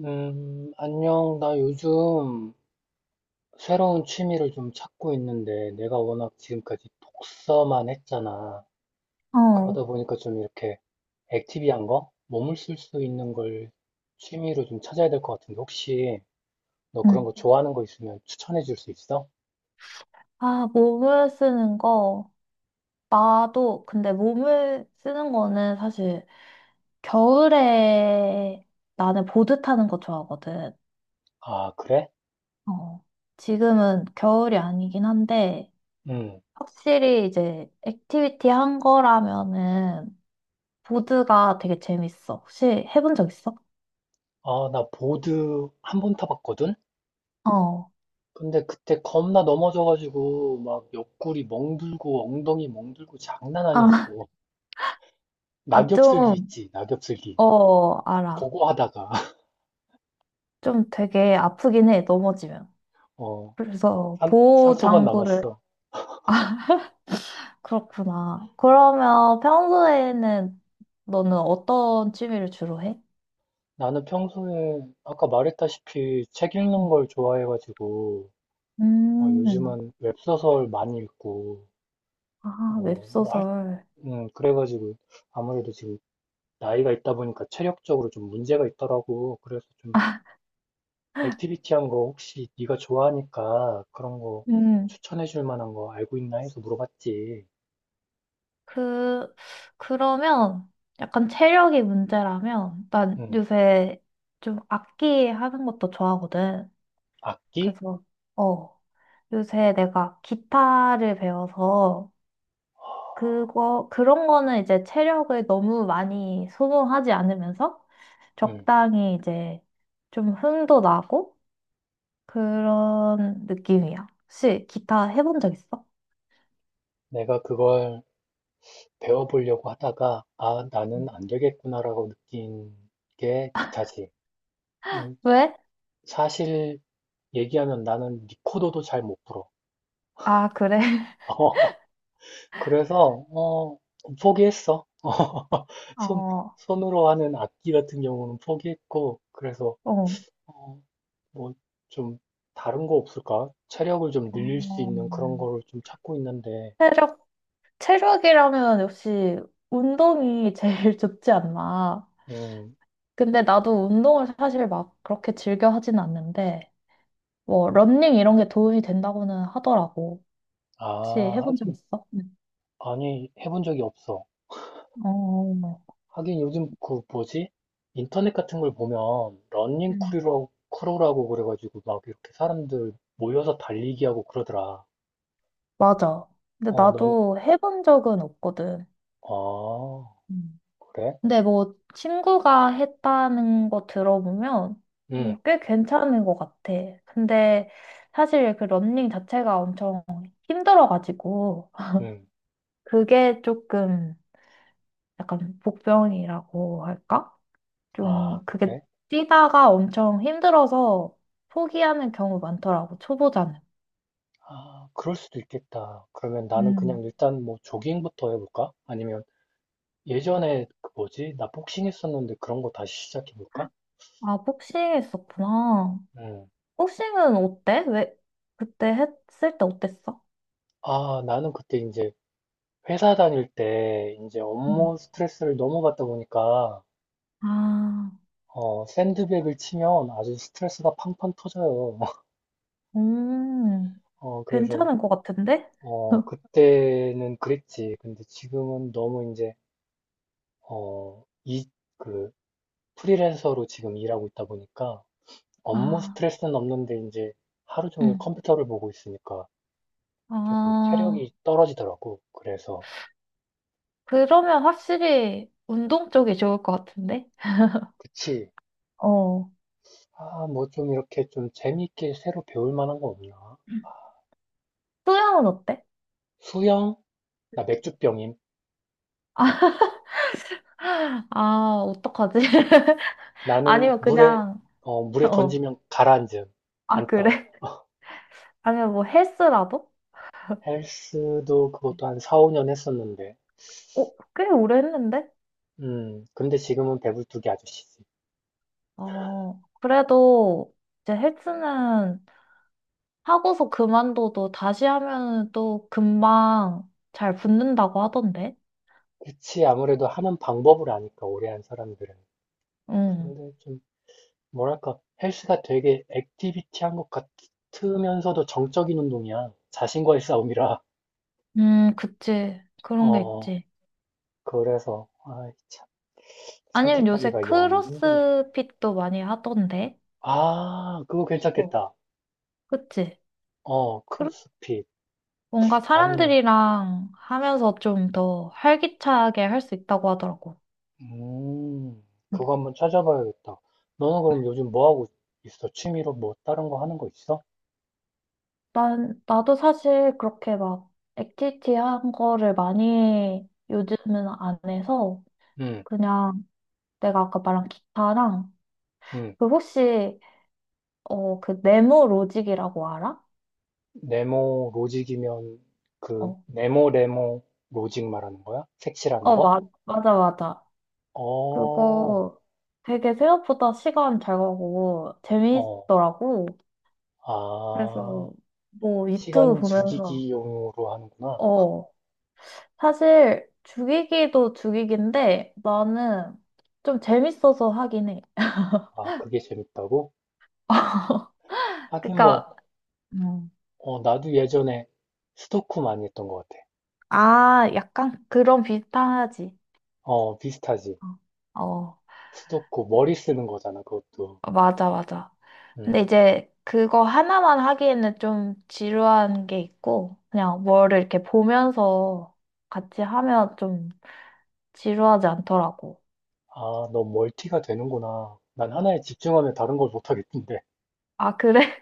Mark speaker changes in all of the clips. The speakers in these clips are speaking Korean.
Speaker 1: 안녕. 나 요즘 새로운 취미를 좀 찾고 있는데, 내가 워낙 지금까지 독서만 했잖아.
Speaker 2: 어.
Speaker 1: 그러다 보니까 좀 이렇게 액티비한 거? 몸을 쓸 수 있는 걸 취미로 좀 찾아야 될 것 같은데, 혹시 너 그런
Speaker 2: 응.
Speaker 1: 거 좋아하는 거 있으면 추천해 줄 수 있어?
Speaker 2: 아, 몸을 쓰는 거. 나도, 근데 몸을 쓰는 거는 사실 겨울에 나는 보드 타는 거 좋아하거든.
Speaker 1: 아, 그래?
Speaker 2: 어. 지금은 겨울이 아니긴 한데,
Speaker 1: 응.
Speaker 2: 확실히 이제 액티비티 한 거라면은 보드가 되게 재밌어. 혹시 해본 적 있어?
Speaker 1: 아, 나 보드 한 번 타봤거든?
Speaker 2: 어.
Speaker 1: 근데 그때 겁나 넘어져가지고, 막 옆구리 멍들고, 엉덩이 멍들고 장난
Speaker 2: 아,
Speaker 1: 아니었어.
Speaker 2: 아,
Speaker 1: 낙엽슬기
Speaker 2: 좀,
Speaker 1: 있지, 낙엽슬기.
Speaker 2: 어, 알아.
Speaker 1: 고고하다가
Speaker 2: 좀 되게 아프긴 해, 넘어지면.
Speaker 1: 어,
Speaker 2: 그래서 보호
Speaker 1: 상처만
Speaker 2: 장구를
Speaker 1: 남았어.
Speaker 2: 그렇구나. 그러면 평소에는 너는 어떤 취미를 주로 해?
Speaker 1: 나는 평소에 아까 말했다시피 책 읽는
Speaker 2: 음.
Speaker 1: 걸 좋아해가지고
Speaker 2: 음,
Speaker 1: 요즘은 웹소설 많이 읽고 어,
Speaker 2: 아,
Speaker 1: 뭐 할,
Speaker 2: 웹소설.
Speaker 1: 그래가지고 아무래도 지금 나이가 있다 보니까 체력적으로 좀 문제가 있더라고. 그래서 좀 액티비티한 거 혹시 네가 좋아하니까 그런 거
Speaker 2: 음.
Speaker 1: 추천해 줄 만한 거 알고 있나 해서 물어봤지.
Speaker 2: 그, 그러면 약간 체력이 문제라면 난
Speaker 1: 음,
Speaker 2: 요새 좀 악기 하는 것도 좋아하거든.
Speaker 1: 악기?
Speaker 2: 그래서, 어, 요새 내가 기타를 배워서 그런 거는 이제 체력을 너무 많이 소모하지 않으면서
Speaker 1: 음,
Speaker 2: 적당히 이제 좀 흥도 나고 그런 느낌이야. 혹시 기타 해본 적 있어?
Speaker 1: 내가 그걸 배워보려고 하다가, 아, 나는
Speaker 2: 음.
Speaker 1: 안 되겠구나라고 느낀 게 기타지. 네,
Speaker 2: 왜?
Speaker 1: 사실 얘기하면 나는 리코더도 잘 못 불어.
Speaker 2: 아, 그래.
Speaker 1: 그래서, 포기했어. 손,
Speaker 2: 어,
Speaker 1: 손으로 하는 악기 같은 경우는 포기했고, 그래서,
Speaker 2: 어.
Speaker 1: 어, 뭐, 좀, 다른 거 없을까? 체력을 좀 늘릴 수
Speaker 2: 어,
Speaker 1: 있는 그런 거를 좀 찾고 있는데,
Speaker 2: 체력, 체력이라면 역시 운동이 제일 좋지 않나.
Speaker 1: 음,
Speaker 2: 근데 나도 운동을 사실 막 그렇게 즐겨 하진 않는데, 뭐, 러닝 이런 게 도움이 된다고는 하더라고. 혹시
Speaker 1: 아,
Speaker 2: 해본 적
Speaker 1: 하긴,
Speaker 2: 있어? 응.
Speaker 1: 아니, 해본 적이 없어.
Speaker 2: 어,
Speaker 1: 하긴 요즘 그 뭐지? 인터넷 같은 걸 보면 러닝
Speaker 2: 응.
Speaker 1: 크루라고 그래가지고 막 이렇게 사람들 모여서 달리기 하고 그러더라.
Speaker 2: 맞아. 근데
Speaker 1: 어, 넌,
Speaker 2: 나도 해본 적은 없거든.
Speaker 1: 아,
Speaker 2: 응.
Speaker 1: 그래?
Speaker 2: 근데 뭐 친구가 했다는 거 들어보면 어,
Speaker 1: 응,
Speaker 2: 꽤 괜찮은 것 같아. 근데 사실 그 러닝 자체가 엄청 힘들어가지고
Speaker 1: 응.
Speaker 2: 그게 조금 약간 복병이라고 할까?
Speaker 1: 아,
Speaker 2: 좀 그게
Speaker 1: 그래?
Speaker 2: 뛰다가 엄청 힘들어서 포기하는 경우 많더라고, 초보자는.
Speaker 1: 아, 그럴 수도 있겠다. 그러면 나는 그냥 일단 뭐 조깅부터 해볼까? 아니면 예전에 그 뭐지? 나 복싱 했었는데 그런 거 다시 시작해볼까?
Speaker 2: 아, 복싱 했었구나.
Speaker 1: 응.
Speaker 2: 복싱은 어때? 왜, 그때 했을 때 어땠어?
Speaker 1: 아, 나는 그때 이제 회사 다닐 때 이제
Speaker 2: 응.
Speaker 1: 업무 스트레스를 너무 받다 보니까
Speaker 2: 아,
Speaker 1: 샌드백을 치면 아주 스트레스가 팡팡 터져요.
Speaker 2: 음,
Speaker 1: 어, 그래서,
Speaker 2: 괜찮은 것 같은데?
Speaker 1: 어, 그때는 그랬지. 근데 지금은 너무 이제, 어, 이, 그, 프리랜서로 지금 일하고 있다 보니까 업무
Speaker 2: 아,
Speaker 1: 스트레스는 없는데 이제 하루 종일
Speaker 2: 응.
Speaker 1: 컴퓨터를 보고 있으니까 조금
Speaker 2: 아,
Speaker 1: 체력이 떨어지더라고. 그래서,
Speaker 2: 그러면 확실히 운동 쪽이 좋을 것 같은데?
Speaker 1: 그치.
Speaker 2: 어,
Speaker 1: 아, 뭐 좀 이렇게 좀 재미있게 새로 배울 만한 거 없나?
Speaker 2: 수영은 어때?
Speaker 1: 수영? 나 맥주병임.
Speaker 2: 아, 어떡하지?
Speaker 1: 나는
Speaker 2: 아니면
Speaker 1: 물에
Speaker 2: 그냥,
Speaker 1: 어, 물에
Speaker 2: 어,
Speaker 1: 던지면 가라앉음.
Speaker 2: 아,
Speaker 1: 안 떠.
Speaker 2: 그래? 아니면 뭐 헬스라도?
Speaker 1: 헬스도 그것도 한 4, 5년 했었는데.
Speaker 2: 어, 꽤 오래 했는데?
Speaker 1: 근데 지금은 배불뚝이 아저씨지.
Speaker 2: 어, 그래도 이제 헬스는 하고서 그만둬도 다시 하면 또 금방 잘 붙는다고 하던데.
Speaker 1: 그치, 아무래도 하는 방법을 아니까, 오래 한 사람들은.
Speaker 2: 응.
Speaker 1: 근데 좀, 뭐랄까, 헬스가 되게 액티비티한 것 같으면서도 정적인 운동이야. 자신과의 싸움이라.
Speaker 2: 그치. 그런 게
Speaker 1: 어,
Speaker 2: 있지.
Speaker 1: 그래서, 아이, 참,
Speaker 2: 아니면 요새
Speaker 1: 선택하기가 영 힘드네.
Speaker 2: 크로스핏도 많이 하던데.
Speaker 1: 아, 그거
Speaker 2: 어.
Speaker 1: 괜찮겠다.
Speaker 2: 그치.
Speaker 1: 어,
Speaker 2: 크로-
Speaker 1: 크로스핏.
Speaker 2: 뭔가
Speaker 1: 아니면,
Speaker 2: 사람들이랑 하면서 좀 더 활기차게 할 수 있다고 하더라고.
Speaker 1: 음,
Speaker 2: 응.
Speaker 1: 그거 한번 찾아봐야겠다. 너는 그럼 요즘 뭐 하고 있어? 취미로 뭐 다른 거 하는 거 있어?
Speaker 2: 나도 사실 그렇게 막 액티비티 한 거를 많이 요즘은 안 해서
Speaker 1: 응,
Speaker 2: 그냥 내가 아까 말한 기타랑
Speaker 1: 응.
Speaker 2: 그 혹시 어 그 네모 로직이라고 알아?
Speaker 1: 네모 로직이면 그
Speaker 2: 어,
Speaker 1: 네모 레모 로직 말하는 거야? 색칠하는
Speaker 2: 어
Speaker 1: 거?
Speaker 2: 맞아 맞아
Speaker 1: 어,
Speaker 2: 그거 되게 생각보다 시간 잘 가고
Speaker 1: 어,
Speaker 2: 재미있더라고
Speaker 1: 아,
Speaker 2: 그래서 뭐 유튜브
Speaker 1: 시간
Speaker 2: 보면서
Speaker 1: 죽이기용으로 하는구나.
Speaker 2: 어 사실 죽이기도 죽이기인데 나는 좀 재밌어서 하긴 해.
Speaker 1: 아, 그게 재밌다고? 하긴 뭐,
Speaker 2: 그러니까 음.
Speaker 1: 나도 예전에 스도쿠 많이 했던 것 같아.
Speaker 2: 아 약간 그런 비슷하지
Speaker 1: 어, 비슷하지.
Speaker 2: 어. 어.
Speaker 1: 스도쿠 머리 쓰는 거잖아, 그것도.
Speaker 2: 어, 맞아, 맞아. 근데
Speaker 1: 음.
Speaker 2: 이제 그거 하나만 하기에는 좀 지루한 게 있고, 그냥 뭐를 이렇게 보면서 같이 하면 좀 지루하지 않더라고.
Speaker 1: 아, 너 멀티가 되는구나. 난 하나에 집중하면 다른 걸 못하겠던데.
Speaker 2: 아, 그래?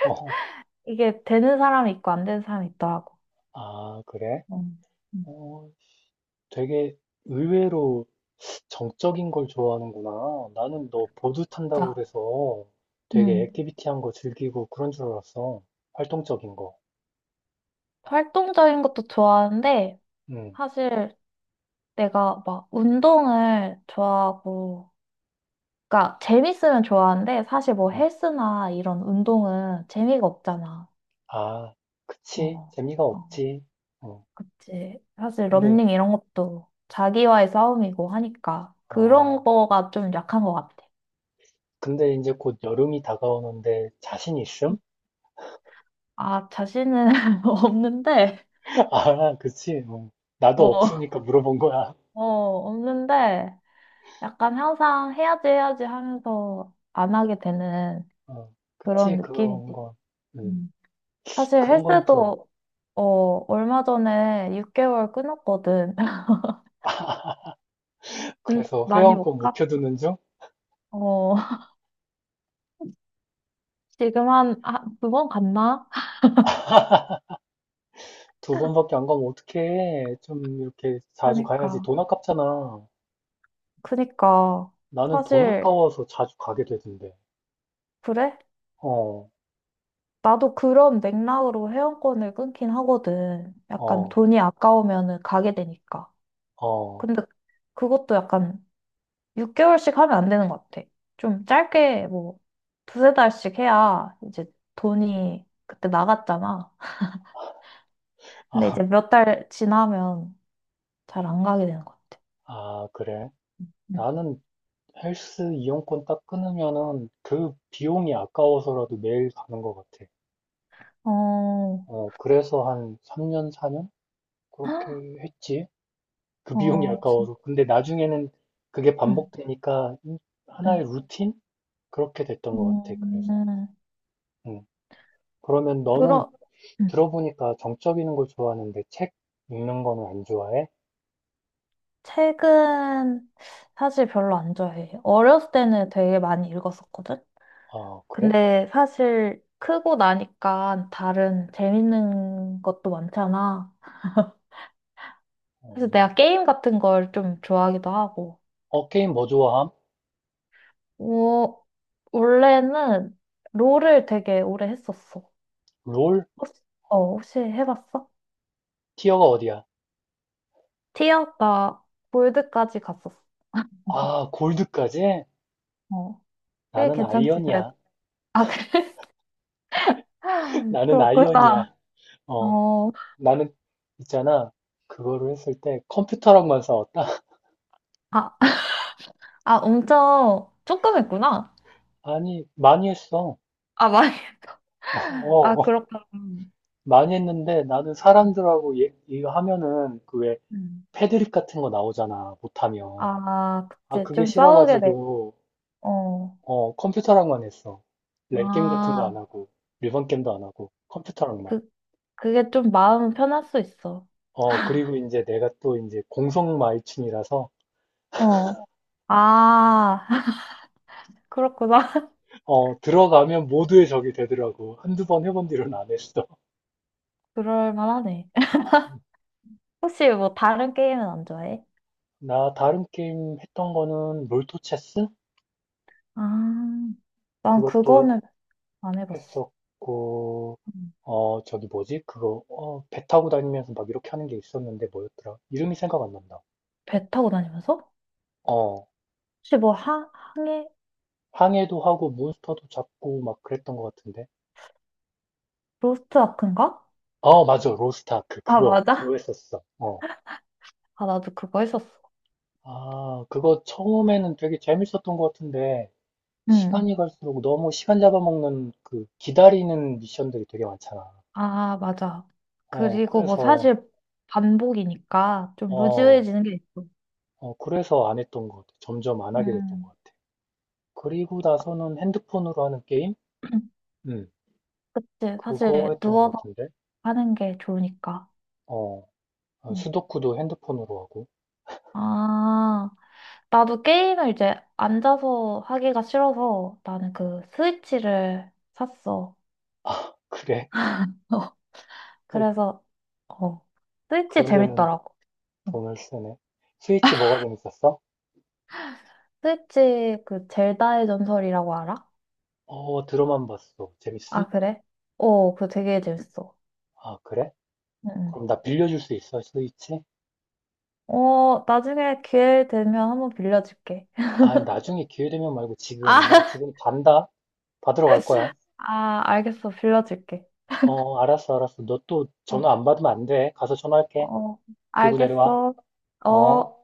Speaker 1: 어,
Speaker 2: 이게 되는 사람이 있고 안 되는 사람이 있더라고.
Speaker 1: 아, 그래?
Speaker 2: 어, 음,
Speaker 1: 어, 되게 의외로 정적인 걸 좋아하는구나. 나는 너 보드 탄다고
Speaker 2: 맞아.
Speaker 1: 그래서 되게
Speaker 2: 음.
Speaker 1: 액티비티한 거 즐기고 그런 줄 알았어. 활동적인 거.
Speaker 2: 활동적인 것도 좋아하는데,
Speaker 1: 응,
Speaker 2: 사실 내가 막 운동을 좋아하고, 그러니까 재밌으면 좋아하는데, 사실 뭐
Speaker 1: 어.
Speaker 2: 헬스나 이런 운동은 재미가 없잖아.
Speaker 1: 아, 그치.
Speaker 2: 어,
Speaker 1: 재미가
Speaker 2: 어.
Speaker 1: 없지. 어,
Speaker 2: 그치. 사실 러
Speaker 1: 근데,
Speaker 2: 닝 이런 것도 자기와의 싸움이고 하니까 그런
Speaker 1: 어,
Speaker 2: 거가 좀 약한 것 같아.
Speaker 1: 근데 이제 곧 여름이 다가오는데 자신 있음?
Speaker 2: 아, 자신은 없는데,
Speaker 1: 아, 그치. 어, 나도
Speaker 2: 어,
Speaker 1: 없으니까 물어본 거야.
Speaker 2: 어, 없는데, 약간 항상 해야지 해야지 하면서 안 하게 되는
Speaker 1: 어,
Speaker 2: 그런
Speaker 1: 그치, 그런
Speaker 2: 느낌이지.
Speaker 1: 건. 음,
Speaker 2: 음. 사실
Speaker 1: 그런 건 좀.
Speaker 2: 헬스도, 어, 얼마 전에 6개월 끊었거든. 근데
Speaker 1: 그래서
Speaker 2: 많이
Speaker 1: 회원권
Speaker 2: 못 갔,
Speaker 1: 묵혀두는 중?
Speaker 2: 어, 지금 한, 아, 두번 갔나?
Speaker 1: 두 번밖에 안 가면 어떡해. 좀 이렇게 자주 가야지.
Speaker 2: 그러니까,
Speaker 1: 돈 아깝잖아.
Speaker 2: 그러니까.
Speaker 1: 나는 돈
Speaker 2: 사실
Speaker 1: 아까워서 자주 가게 되던데.
Speaker 2: 그래?
Speaker 1: 어,
Speaker 2: 나도 그런 맥락으로 회원권을 끊긴 하거든. 약간
Speaker 1: 어,
Speaker 2: 돈이 아까우면은 가게 되니까.
Speaker 1: 어.
Speaker 2: 근데 그것도 약간 6개월씩 하면 안 되는 것 같아. 좀 짧게 뭐 두세 달씩 해야 이제 돈이 그때 나갔잖아. 근데
Speaker 1: 아,
Speaker 2: 이제 몇 달 지나면 잘 안 가게 되는 것 같아.
Speaker 1: 아, 그래.
Speaker 2: 응.
Speaker 1: 나는 헬스 이용권 딱 끊으면은 그 비용이 아까워서라도 매일 가는 것 같아.
Speaker 2: 어,
Speaker 1: 어, 그래서 한 3년, 4년?
Speaker 2: 헉,
Speaker 1: 그렇게 했지. 그 비용이
Speaker 2: 어, 진,
Speaker 1: 아까워서. 근데 나중에는 그게
Speaker 2: 응,
Speaker 1: 반복되니까 이- 하나의
Speaker 2: 응.
Speaker 1: 루틴? 그렇게 됐던 것 같아,
Speaker 2: 음,
Speaker 1: 그래서.
Speaker 2: 음.
Speaker 1: 음. 그러면 너는
Speaker 2: 그러, 응.
Speaker 1: 들어보니까 정적 이는걸 좋아하는데 책 읽는 거는 안 좋아해?
Speaker 2: 책은 사실 별로 안 좋아해. 어렸을 때는 되게 많이 읽었었거든?
Speaker 1: 아, 그래?
Speaker 2: 근데 사실 크고 나니까 다른 재밌는 것도 많잖아. 그래서
Speaker 1: 음.
Speaker 2: 내가 게임 같은 걸 좀 좋아하기도 하고.
Speaker 1: 어, 어, 게임 뭐 좋아함?
Speaker 2: 어, 원래는 롤을 되게 오래 했었어.
Speaker 1: 롤?
Speaker 2: 혹시, 어, 혹시 해봤어?
Speaker 1: 티어가 어디야?
Speaker 2: 티어? 나 골드까지 갔었어.
Speaker 1: 아, 골드까지?
Speaker 2: 어, 꽤
Speaker 1: 나는
Speaker 2: 괜찮지, 그래도.
Speaker 1: 아이언이야.
Speaker 2: 아, 그래?
Speaker 1: 나는
Speaker 2: 그렇구나.
Speaker 1: 아이언이야. 어,
Speaker 2: 어.
Speaker 1: 나는 있잖아. 그거를 했을 때 컴퓨터랑만 싸웠다?
Speaker 2: 아, 아, 엄청 조금 했구나.
Speaker 1: 아니, 많이 했어.
Speaker 2: 아, 많이. 아,
Speaker 1: 어,
Speaker 2: 그렇구나.
Speaker 1: 많이 했는데 나는 사람들하고 얘, 이거 하면은 그 왜
Speaker 2: 음.
Speaker 1: 패드립 같은 거 나오잖아 못하면
Speaker 2: 아,
Speaker 1: 아
Speaker 2: 그치.
Speaker 1: 그게
Speaker 2: 좀 싸우게 돼.
Speaker 1: 싫어가지고
Speaker 2: 어.
Speaker 1: 어 컴퓨터랑만 했어 랭게임 같은 거
Speaker 2: 아,
Speaker 1: 안 하고 일반 게임도 안 하고 컴퓨터랑만
Speaker 2: 그, 그게 좀 마음 편할 수 있어.
Speaker 1: 어 그리고 이제 내가 또 이제 공성 마이충이라서
Speaker 2: 어. 아, 그렇구나.
Speaker 1: 어 들어가면 모두의 적이 되더라고 한두 번 해본 뒤로는 안 했어
Speaker 2: 그럴 만하네. 혹시 뭐 다른 게임은 안 좋아해?
Speaker 1: 나 다른 게임 했던 거는 롤토체스
Speaker 2: 아, 난
Speaker 1: 그것도
Speaker 2: 그거는 안 해봤어.
Speaker 1: 했었고,
Speaker 2: 음.
Speaker 1: 어, 저기 뭐지? 어, 배 타고 다니면서 막 이렇게 하는 게 있었는데 뭐였더라? 이름이 생각 안 난다.
Speaker 2: 배 타고 다니면서?
Speaker 1: 어,
Speaker 2: 혹시 뭐 항해?
Speaker 1: 항해도 하고 몬스터도 잡고 막 그랬던 것 같은데.
Speaker 2: 로스트 아크인가?
Speaker 1: 어, 맞아. 로스트아크.
Speaker 2: 아,
Speaker 1: 그거
Speaker 2: 맞아?
Speaker 1: 했었어. 어.
Speaker 2: 아, 나도 그거 했었어.
Speaker 1: 아, 그거 처음에는 되게 재밌었던 것 같은데,
Speaker 2: 응.
Speaker 1: 시간이 갈수록 너무 시간 잡아먹는 그 기다리는 미션들이 되게 많잖아.
Speaker 2: 아, 맞아.
Speaker 1: 어,
Speaker 2: 그리고 뭐
Speaker 1: 그래서,
Speaker 2: 사실 반복이니까 좀
Speaker 1: 어,
Speaker 2: 루즈해지는 게 있어.
Speaker 1: 어, 그래서 안 했던 것 같아. 점점 안 하게 됐던 것
Speaker 2: 음.
Speaker 1: 같아. 그리고 나서는 핸드폰으로 하는 게임? 음.
Speaker 2: 그치.
Speaker 1: 그거
Speaker 2: 사실
Speaker 1: 했던 것
Speaker 2: 누워서
Speaker 1: 같은데.
Speaker 2: 하는 게 좋으니까.
Speaker 1: 어, 어,
Speaker 2: 음.
Speaker 1: 수도쿠도 핸드폰으로 하고.
Speaker 2: 아, 나도 게임을 이제 앉아서 하기가 싫어서 나는 그 스위치를 샀어.
Speaker 1: 아, 그래? 또
Speaker 2: 그래서, 어, 스위치
Speaker 1: 그런 데는
Speaker 2: 재밌더라고. 음.
Speaker 1: 돈을 쓰네. 스위치 뭐가 재밌었어?
Speaker 2: 스위치 그 젤다의 전설이라고 알아?
Speaker 1: 어, 들어만 봤어. 재밌음?
Speaker 2: 아, 그래? 어, 그거 되게 재밌어.
Speaker 1: 아, 그래?
Speaker 2: 음, 음.
Speaker 1: 그럼 나 빌려줄 수 있어, 스위치?
Speaker 2: 어, 나중에 기회 되면 한번 빌려줄게.
Speaker 1: 아, 나중에 기회 되면 말고
Speaker 2: 아,
Speaker 1: 지금. 나 지금 간다. 받으러 갈 거야.
Speaker 2: 아, 알겠어. 빌려줄게.
Speaker 1: 어, 알았어, 알았어. 너 또
Speaker 2: 어,
Speaker 1: 전화 안 받으면 안 돼. 가서 전화할게.
Speaker 2: 어,
Speaker 1: 들고 내려와.
Speaker 2: 알겠어. 어.
Speaker 1: 어?